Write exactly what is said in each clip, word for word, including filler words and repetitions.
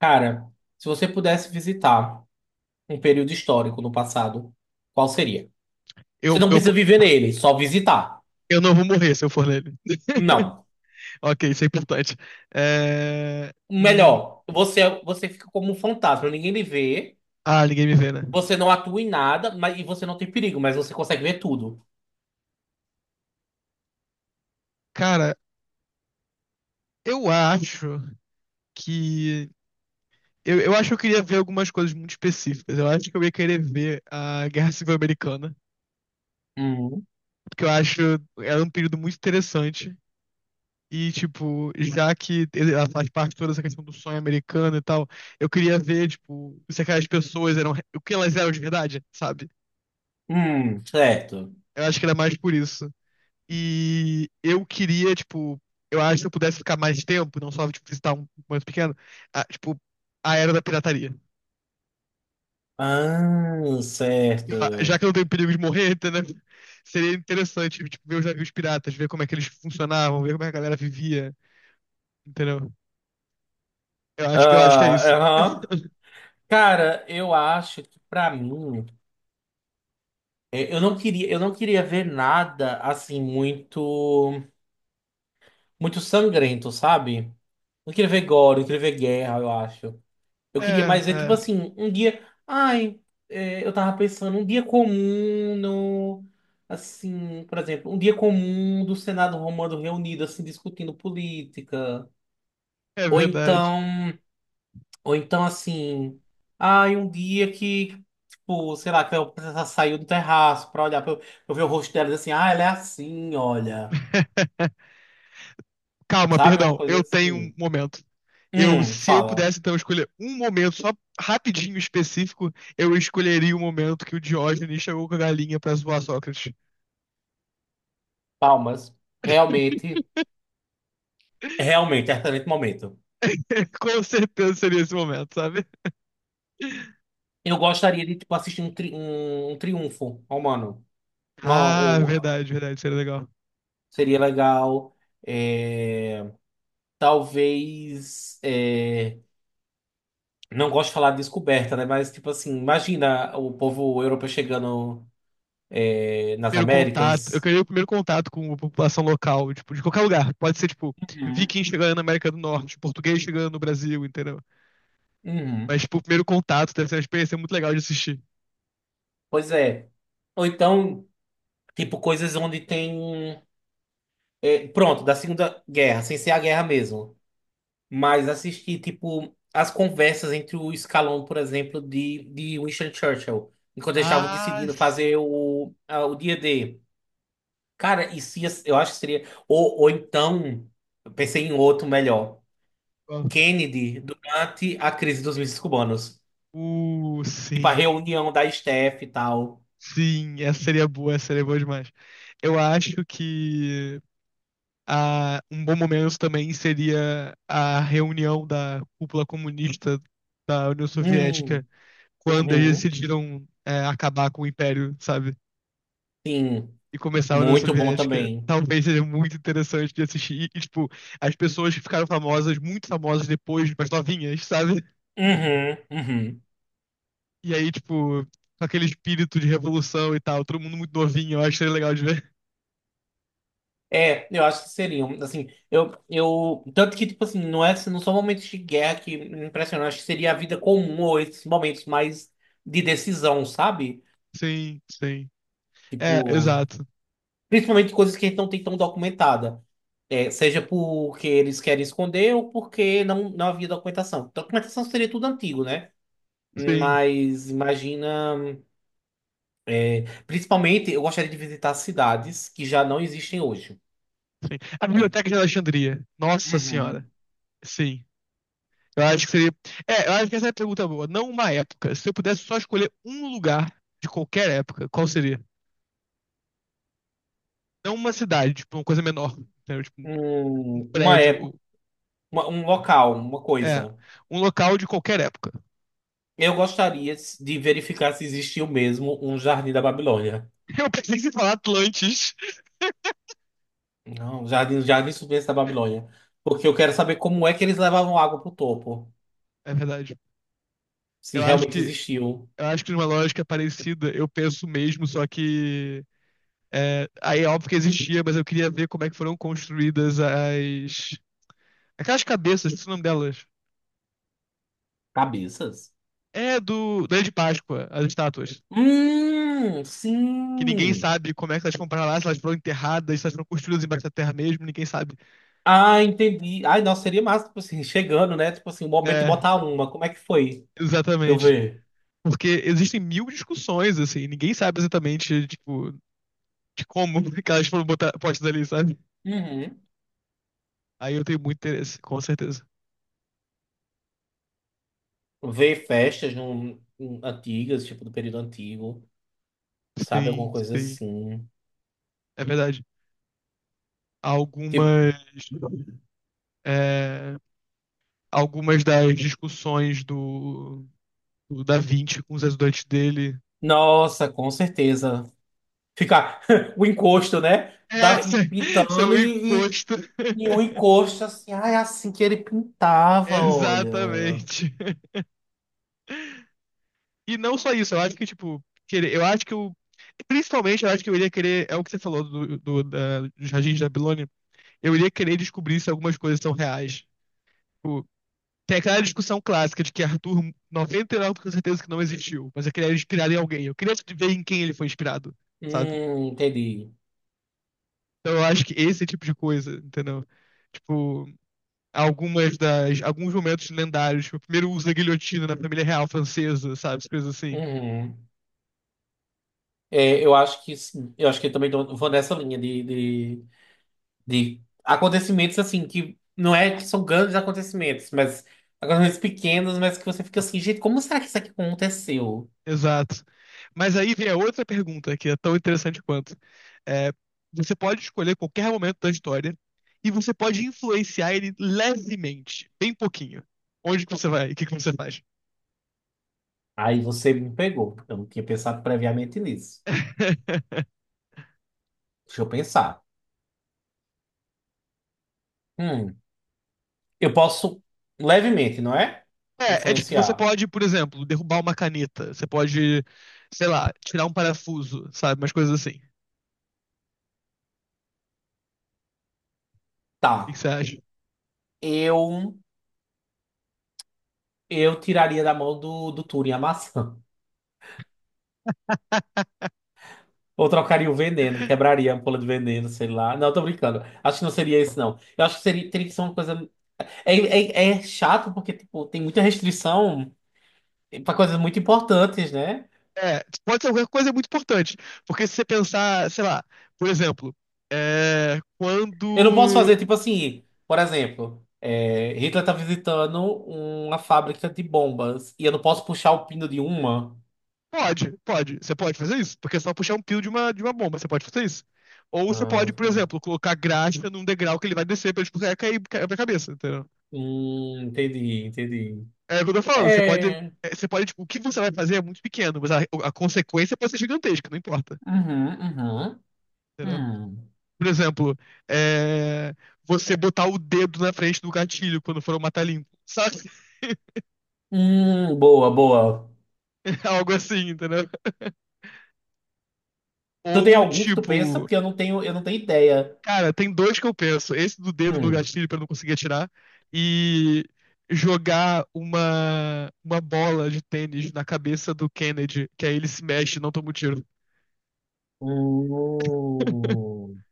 Cara, se você pudesse visitar um período histórico no passado, qual seria? Você Eu, não eu, precisa viver nele, só visitar. eu não vou morrer se eu for nele. Não. Ok, isso é importante. É... hum, Melhor, você você fica como um fantasma, ninguém lhe vê, Ah, ninguém me vê, né? você não atua em nada, mas e você não tem perigo, mas você consegue ver tudo. Cara, eu acho que. Eu, eu acho que eu queria ver algumas coisas muito específicas. Eu acho que eu ia querer ver a Guerra Civil Americana, Hum, porque eu acho era um período muito interessante. E, tipo, já que ele- ela faz parte de toda essa questão do sonho americano e tal, eu queria ver, tipo, se aquelas pessoas eram. O que elas eram de verdade, sabe? hum, certo. Eu acho que era mais por isso. E eu queria, tipo, eu acho que se eu pudesse ficar mais tempo, não só, tipo, visitar um mais pequeno, a- tipo, a era da pirataria. Ah, Sei lá, já certo. que eu não tenho perigo de morrer, entendeu? Seria interessante, tipo, ver os navios piratas, ver como é que eles funcionavam, ver como é que a galera vivia, entendeu? Eu acho que eu acho que é Ah, isso. aham. Cara, eu acho que pra mim, eu eu não queria, eu não queria ver nada assim muito muito sangrento, sabe? Não queria ver gore, não queria ver guerra, eu acho. Eu queria É, mais ver, tipo é, assim, um dia. Ai, é, eu tava pensando, um dia comum no. Assim, por exemplo, um dia comum do Senado Romano reunido, assim, discutindo política. é Ou verdade. então, ou então assim, ai, um dia que, tipo, sei lá, que a princesa saiu do terraço pra olhar, pra eu, pra eu ver o rosto dela e dizer assim, ah, ela é assim, olha. Calma, Sabe? Uma perdão, coisa eu tenho um assim. momento. Eu, Hum, se eu fala. pudesse, então, escolher um momento só rapidinho específico, eu escolheria o momento que o Diógenes chegou com a galinha pra zoar Sócrates. Palmas. Realmente, realmente, é excelente momento. Com certeza seria esse momento, sabe? Eu gostaria de, tipo, assistir um, tri- um, um triunfo romano. Uma, Ah, ou- verdade, verdade, seria legal. seria legal. É, talvez. É, não gosto de falar de descoberta, né? Mas, tipo assim, imagina o povo europeu chegando, é, nas Primeiro contato. Eu Américas. queria o primeiro contato com a população local, tipo, de qualquer lugar. Pode ser, tipo, Uhum. viking chegando na América do Norte, português chegando no Brasil, entendeu? Uhum. Mas, tipo, o primeiro contato deve ser uma experiência muito legal de assistir. Pois é. Ou então, tipo, coisas onde tem. É, pronto, da Segunda Guerra, sem ser a guerra mesmo. Mas assisti, tipo, as conversas entre o Scaloni, por exemplo, de, de Winston Churchill, enquanto eles estavam Ah, decidindo sim. fazer o, a- o dia D. Cara, e se, eu acho que seria. Ou, ou então, eu pensei em outro melhor: Ó. Kennedy, durante a crise dos mísseis cubanos. Uh, Tipo, a sim. reunião da S T F e tal. Sim, essa seria boa, essa seria boa demais. Eu acho que Ah, um bom momento também seria a reunião da cúpula comunista da União Hum, Soviética, quando eles uhum, decidiram, é, acabar com o Império, sabe? sim, E começar a União muito bom Soviética. também. Talvez seja muito interessante de assistir. E, tipo, as pessoas que ficaram famosas, muito famosas depois, mas novinhas, sabe? Uhum, uhum. E aí, tipo, com aquele espírito de revolução e tal, todo mundo muito novinho, eu acho que seria legal de ver. É, eu acho que seriam, assim, eu, eu, tanto que, tipo assim, não é, não são momentos de guerra que me impressionam, acho que seria a vida comum ou esses momentos mais de decisão, sabe? Sim, sim. É, Tipo, exato. principalmente coisas que a gente não tem tão documentada. É, seja porque eles querem esconder ou porque não, não havia documentação. Documentação seria tudo antigo, né? Sim, Mas imagina, é, principalmente eu gostaria de visitar cidades que já não existem hoje. sim. A Biblioteca de Alexandria. Nossa Senhora. Uhum. Sim. Eu acho que seria. É, eu acho que essa é a pergunta boa. Não uma época. Se eu pudesse só escolher um lugar de qualquer época, qual seria? Não uma cidade, tipo, uma coisa menor. Entendeu? Tipo, um Um- uma prédio. época. ou- Uma- um local, uma É, coisa. um local de qualquer época. Eu gostaria de verificar se existiu mesmo um jardim da Babilônia. Eu pensei em falar Atlantis. Não, um jardim, um jardim suspenso da Babilônia. Porque eu quero saber como é que eles levavam água pro topo. É verdade. Se Eu acho realmente que, existiu. eu acho que numa lógica parecida, eu penso mesmo, só que. É, aí é óbvio que existia, mas eu queria ver como é que foram construídas as. Aquelas cabeças, esqueci o nome delas. Cabeças? É do. Da Ilha de Páscoa, as estátuas. Hum, que ninguém sim. sabe como é que elas compraram lá, se elas foram enterradas, se elas foram construídas embaixo da terra mesmo, ninguém sabe. Ah, entendi. Ai, nossa, seria massa, tipo assim, chegando, né? Tipo assim, o momento de É, botar uma. Como é que foi? Pra eu exatamente. ver. Porque existem mil discussões, assim, ninguém sabe exatamente, tipo, de como que elas foram botar, postas ali, sabe? Uhum. Aí eu tenho muito interesse, com certeza. Ver festas num- num- antigas, tipo do período antigo, sabe? Alguma Sim, coisa sim, assim. é verdade. Tipo, Algumas, é, algumas das discussões do, do Da Vinci com os ajudantes dele. nossa, com certeza. Ficar o encosto, né? É, Da, são são pintando o e, encosto. e, e um encosto assim. Ah, é assim que ele pintava, olha. Exatamente. E não só isso, eu acho que, tipo, querer, eu acho que eu. Principalmente, eu acho que eu iria querer. É o que você falou do, do, da, dos jardins da Babilônia. Eu iria querer descobrir se algumas coisas são reais. Tipo, tem aquela discussão clássica de que Arthur, noventa e nove por cento com certeza que não existiu, mas eu queria inspirar em alguém. Eu queria ver em quem ele foi inspirado, sabe? Hum, entendi. Então eu acho que esse tipo de coisa, entendeu? Tipo, algumas das, alguns momentos lendários, tipo, o primeiro uso da guilhotina na família real francesa, sabe? Essas coisas assim. Uhum. É, eu acho que sim. Eu acho que eu também tô- vou nessa linha de, de, de acontecimentos assim, que não é que são grandes acontecimentos, mas acontecimentos pequenos, mas que você fica assim, gente, como será que isso aqui aconteceu? Exato. Mas aí vem a outra pergunta que é tão interessante quanto. É, você pode escolher qualquer momento da história e você pode influenciar ele levemente, bem pouquinho. Onde que você vai? E o que que você faz? Aí você me pegou. Eu não tinha pensado previamente nisso. Deixa eu pensar. Hum. Eu posso levemente, não é? É, é tipo, você Influenciar. pode, por exemplo, derrubar uma caneta. Você pode, sei lá, tirar um parafuso, sabe? Umas coisas assim. O que que Tá. você acha? Eu eu tiraria da mão do, do Turing a maçã. Ou trocaria o veneno, quebraria a ampola de veneno, sei lá. Não, tô brincando. Acho que não seria isso, não. Eu acho que seria, teria que ser uma coisa. É, é, é chato porque, tipo, tem muita restrição pra coisas muito importantes, né? É, pode ser qualquer coisa muito importante. Porque se você pensar, sei lá, por exemplo, é, Eu não posso quando. fazer, tipo assim, por exemplo, é, Hitler tá visitando uma fábrica de bombas e eu não posso puxar o pino de uma. Pode, pode. Você pode fazer isso, porque é só puxar um pio de uma, de uma bomba, você pode fazer isso. Ou você Ah, pode, por tá. exemplo, colocar graxa num degrau que ele vai descer pra, tipo, cair, cair cair pra cabeça, entendeu? Hum, entendi, entendi. É o que eu tô falando, você pode. É. é, Você pode, tipo, o que você vai fazer é muito pequeno, mas a, a consequência pode ser gigantesca, não importa. Uhum, uhum, Entendeu? hum. Por exemplo, é, você botar o dedo na frente do gatilho quando for matar limpo. Sabe? Hum, boa, boa. Algo assim, entendeu? Tu tem Ou algum que tu pensa? tipo, Porque eu não tenho, eu não tenho ideia. cara, tem dois que eu penso. Esse do dedo no Hum. gatilho pra eu não conseguir atirar e jogar uma uma bola de tênis na cabeça do Kennedy, que aí ele se mexe e não toma um tiro. Hum.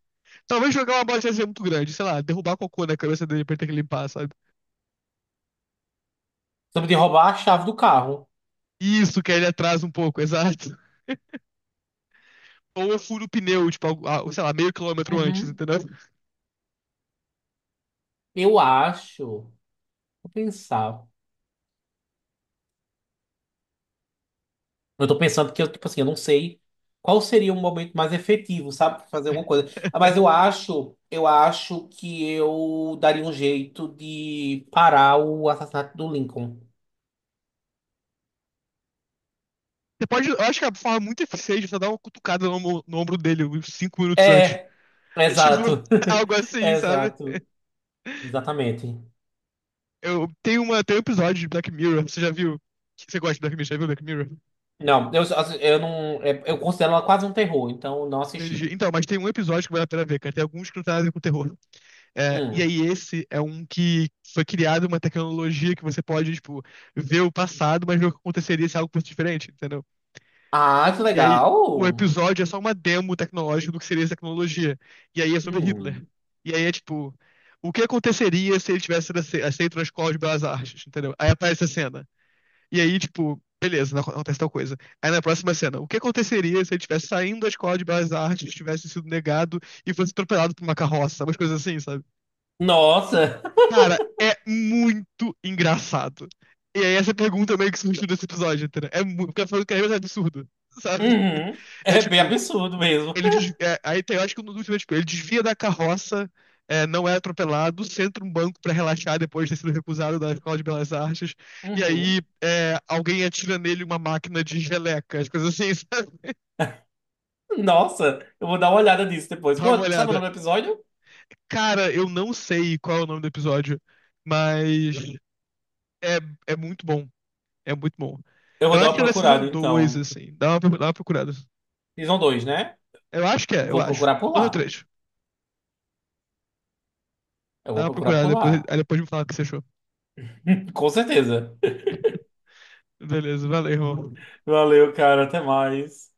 Talvez jogar uma bola de tênis é muito grande, sei lá, derrubar cocô na cabeça dele pra ele ter que limpar, sabe? Sobre de roubar a chave do carro. Isso, que aí ele atrasa um pouco, exato. Ou eu furo o pneu, tipo, algo- ah, sei lá, meio quilômetro antes, Uhum. entendeu? Você Eu acho. Vou pensar. Eu tô pensando que eu, tipo assim, eu não sei qual seria o momento mais efetivo, sabe? Pra fazer alguma coisa. Ah, mas eu acho, eu acho que eu daria um jeito de parar o assassinato do Lincoln. pode, eu acho que a forma muito eficiente é você dar uma cutucada no, ombro no ombro dele uns cinco minutos antes. É, Tipo, exato. algo assim, sabe? Exato. Exatamente. Eu tenho uma, tem um episódio de Black Mirror, você já viu? Você gosta de Black Mirror? Já viu Black Mirror? Não, eu, assim, eu não. É, eu considero ela quase um terror, então não Entendi. assisti. Então, mas tem um episódio que vale a pena ver, cara. Tem alguns que não tem nada a ver com terror. É, e Hum. aí, esse é um que foi criado uma tecnologia que você pode, tipo, ver o passado, mas ver o que aconteceria se algo fosse diferente, entendeu? Ah, que E aí, legal! o episódio é só uma demo tecnológica do que seria essa tecnologia. E aí é sobre Hitler. Hum. E aí é tipo, o que aconteceria se ele tivesse sido ace- aceito na Escola de Belas Artes, entendeu? Aí aparece a cena. E aí, tipo, beleza, não acon- acontece tal coisa. Aí na próxima cena, o que aconteceria se ele estivesse saindo da Escola de Belas Artes, tivesse sido negado e fosse atropelado por uma carroça, umas coisas assim, sabe? Nossa! Cara, é muito engraçado. E aí essa pergunta meio que surgiu desse episódio, entendeu? É muito, porque eu quero é absurdo, sabe? Uhum. É É bem tipo, absurdo mesmo. ele desvia, é, aí tem, eu acho que no último tipo, ele desvia da carroça, é, não é atropelado, senta um banco pra relaxar depois de ter sido recusado da Escola de Belas Artes, e aí Uhum. é, alguém atira nele uma máquina de geleca, as coisas assim, sabe? Nossa, eu vou dar uma olhada nisso depois. Dá uma Qual- Sabe o olhada. nome do episódio? Cara, eu não sei qual é o nome do episódio, mas é, é muito bom. É muito bom. Eu Eu vou dar acho uma que é da Season procurada, two, então. assim. Dá uma, dá uma procurada. Season dois, né? Eu acho que é, eu Vou acho. procurar O por dois ou lá. três. Eu Dá vou uma procurar procurada, por depois, lá. aí depois me fala o que você achou. Com certeza. Beleza, valeu, irmão. Valeu, cara. Até mais.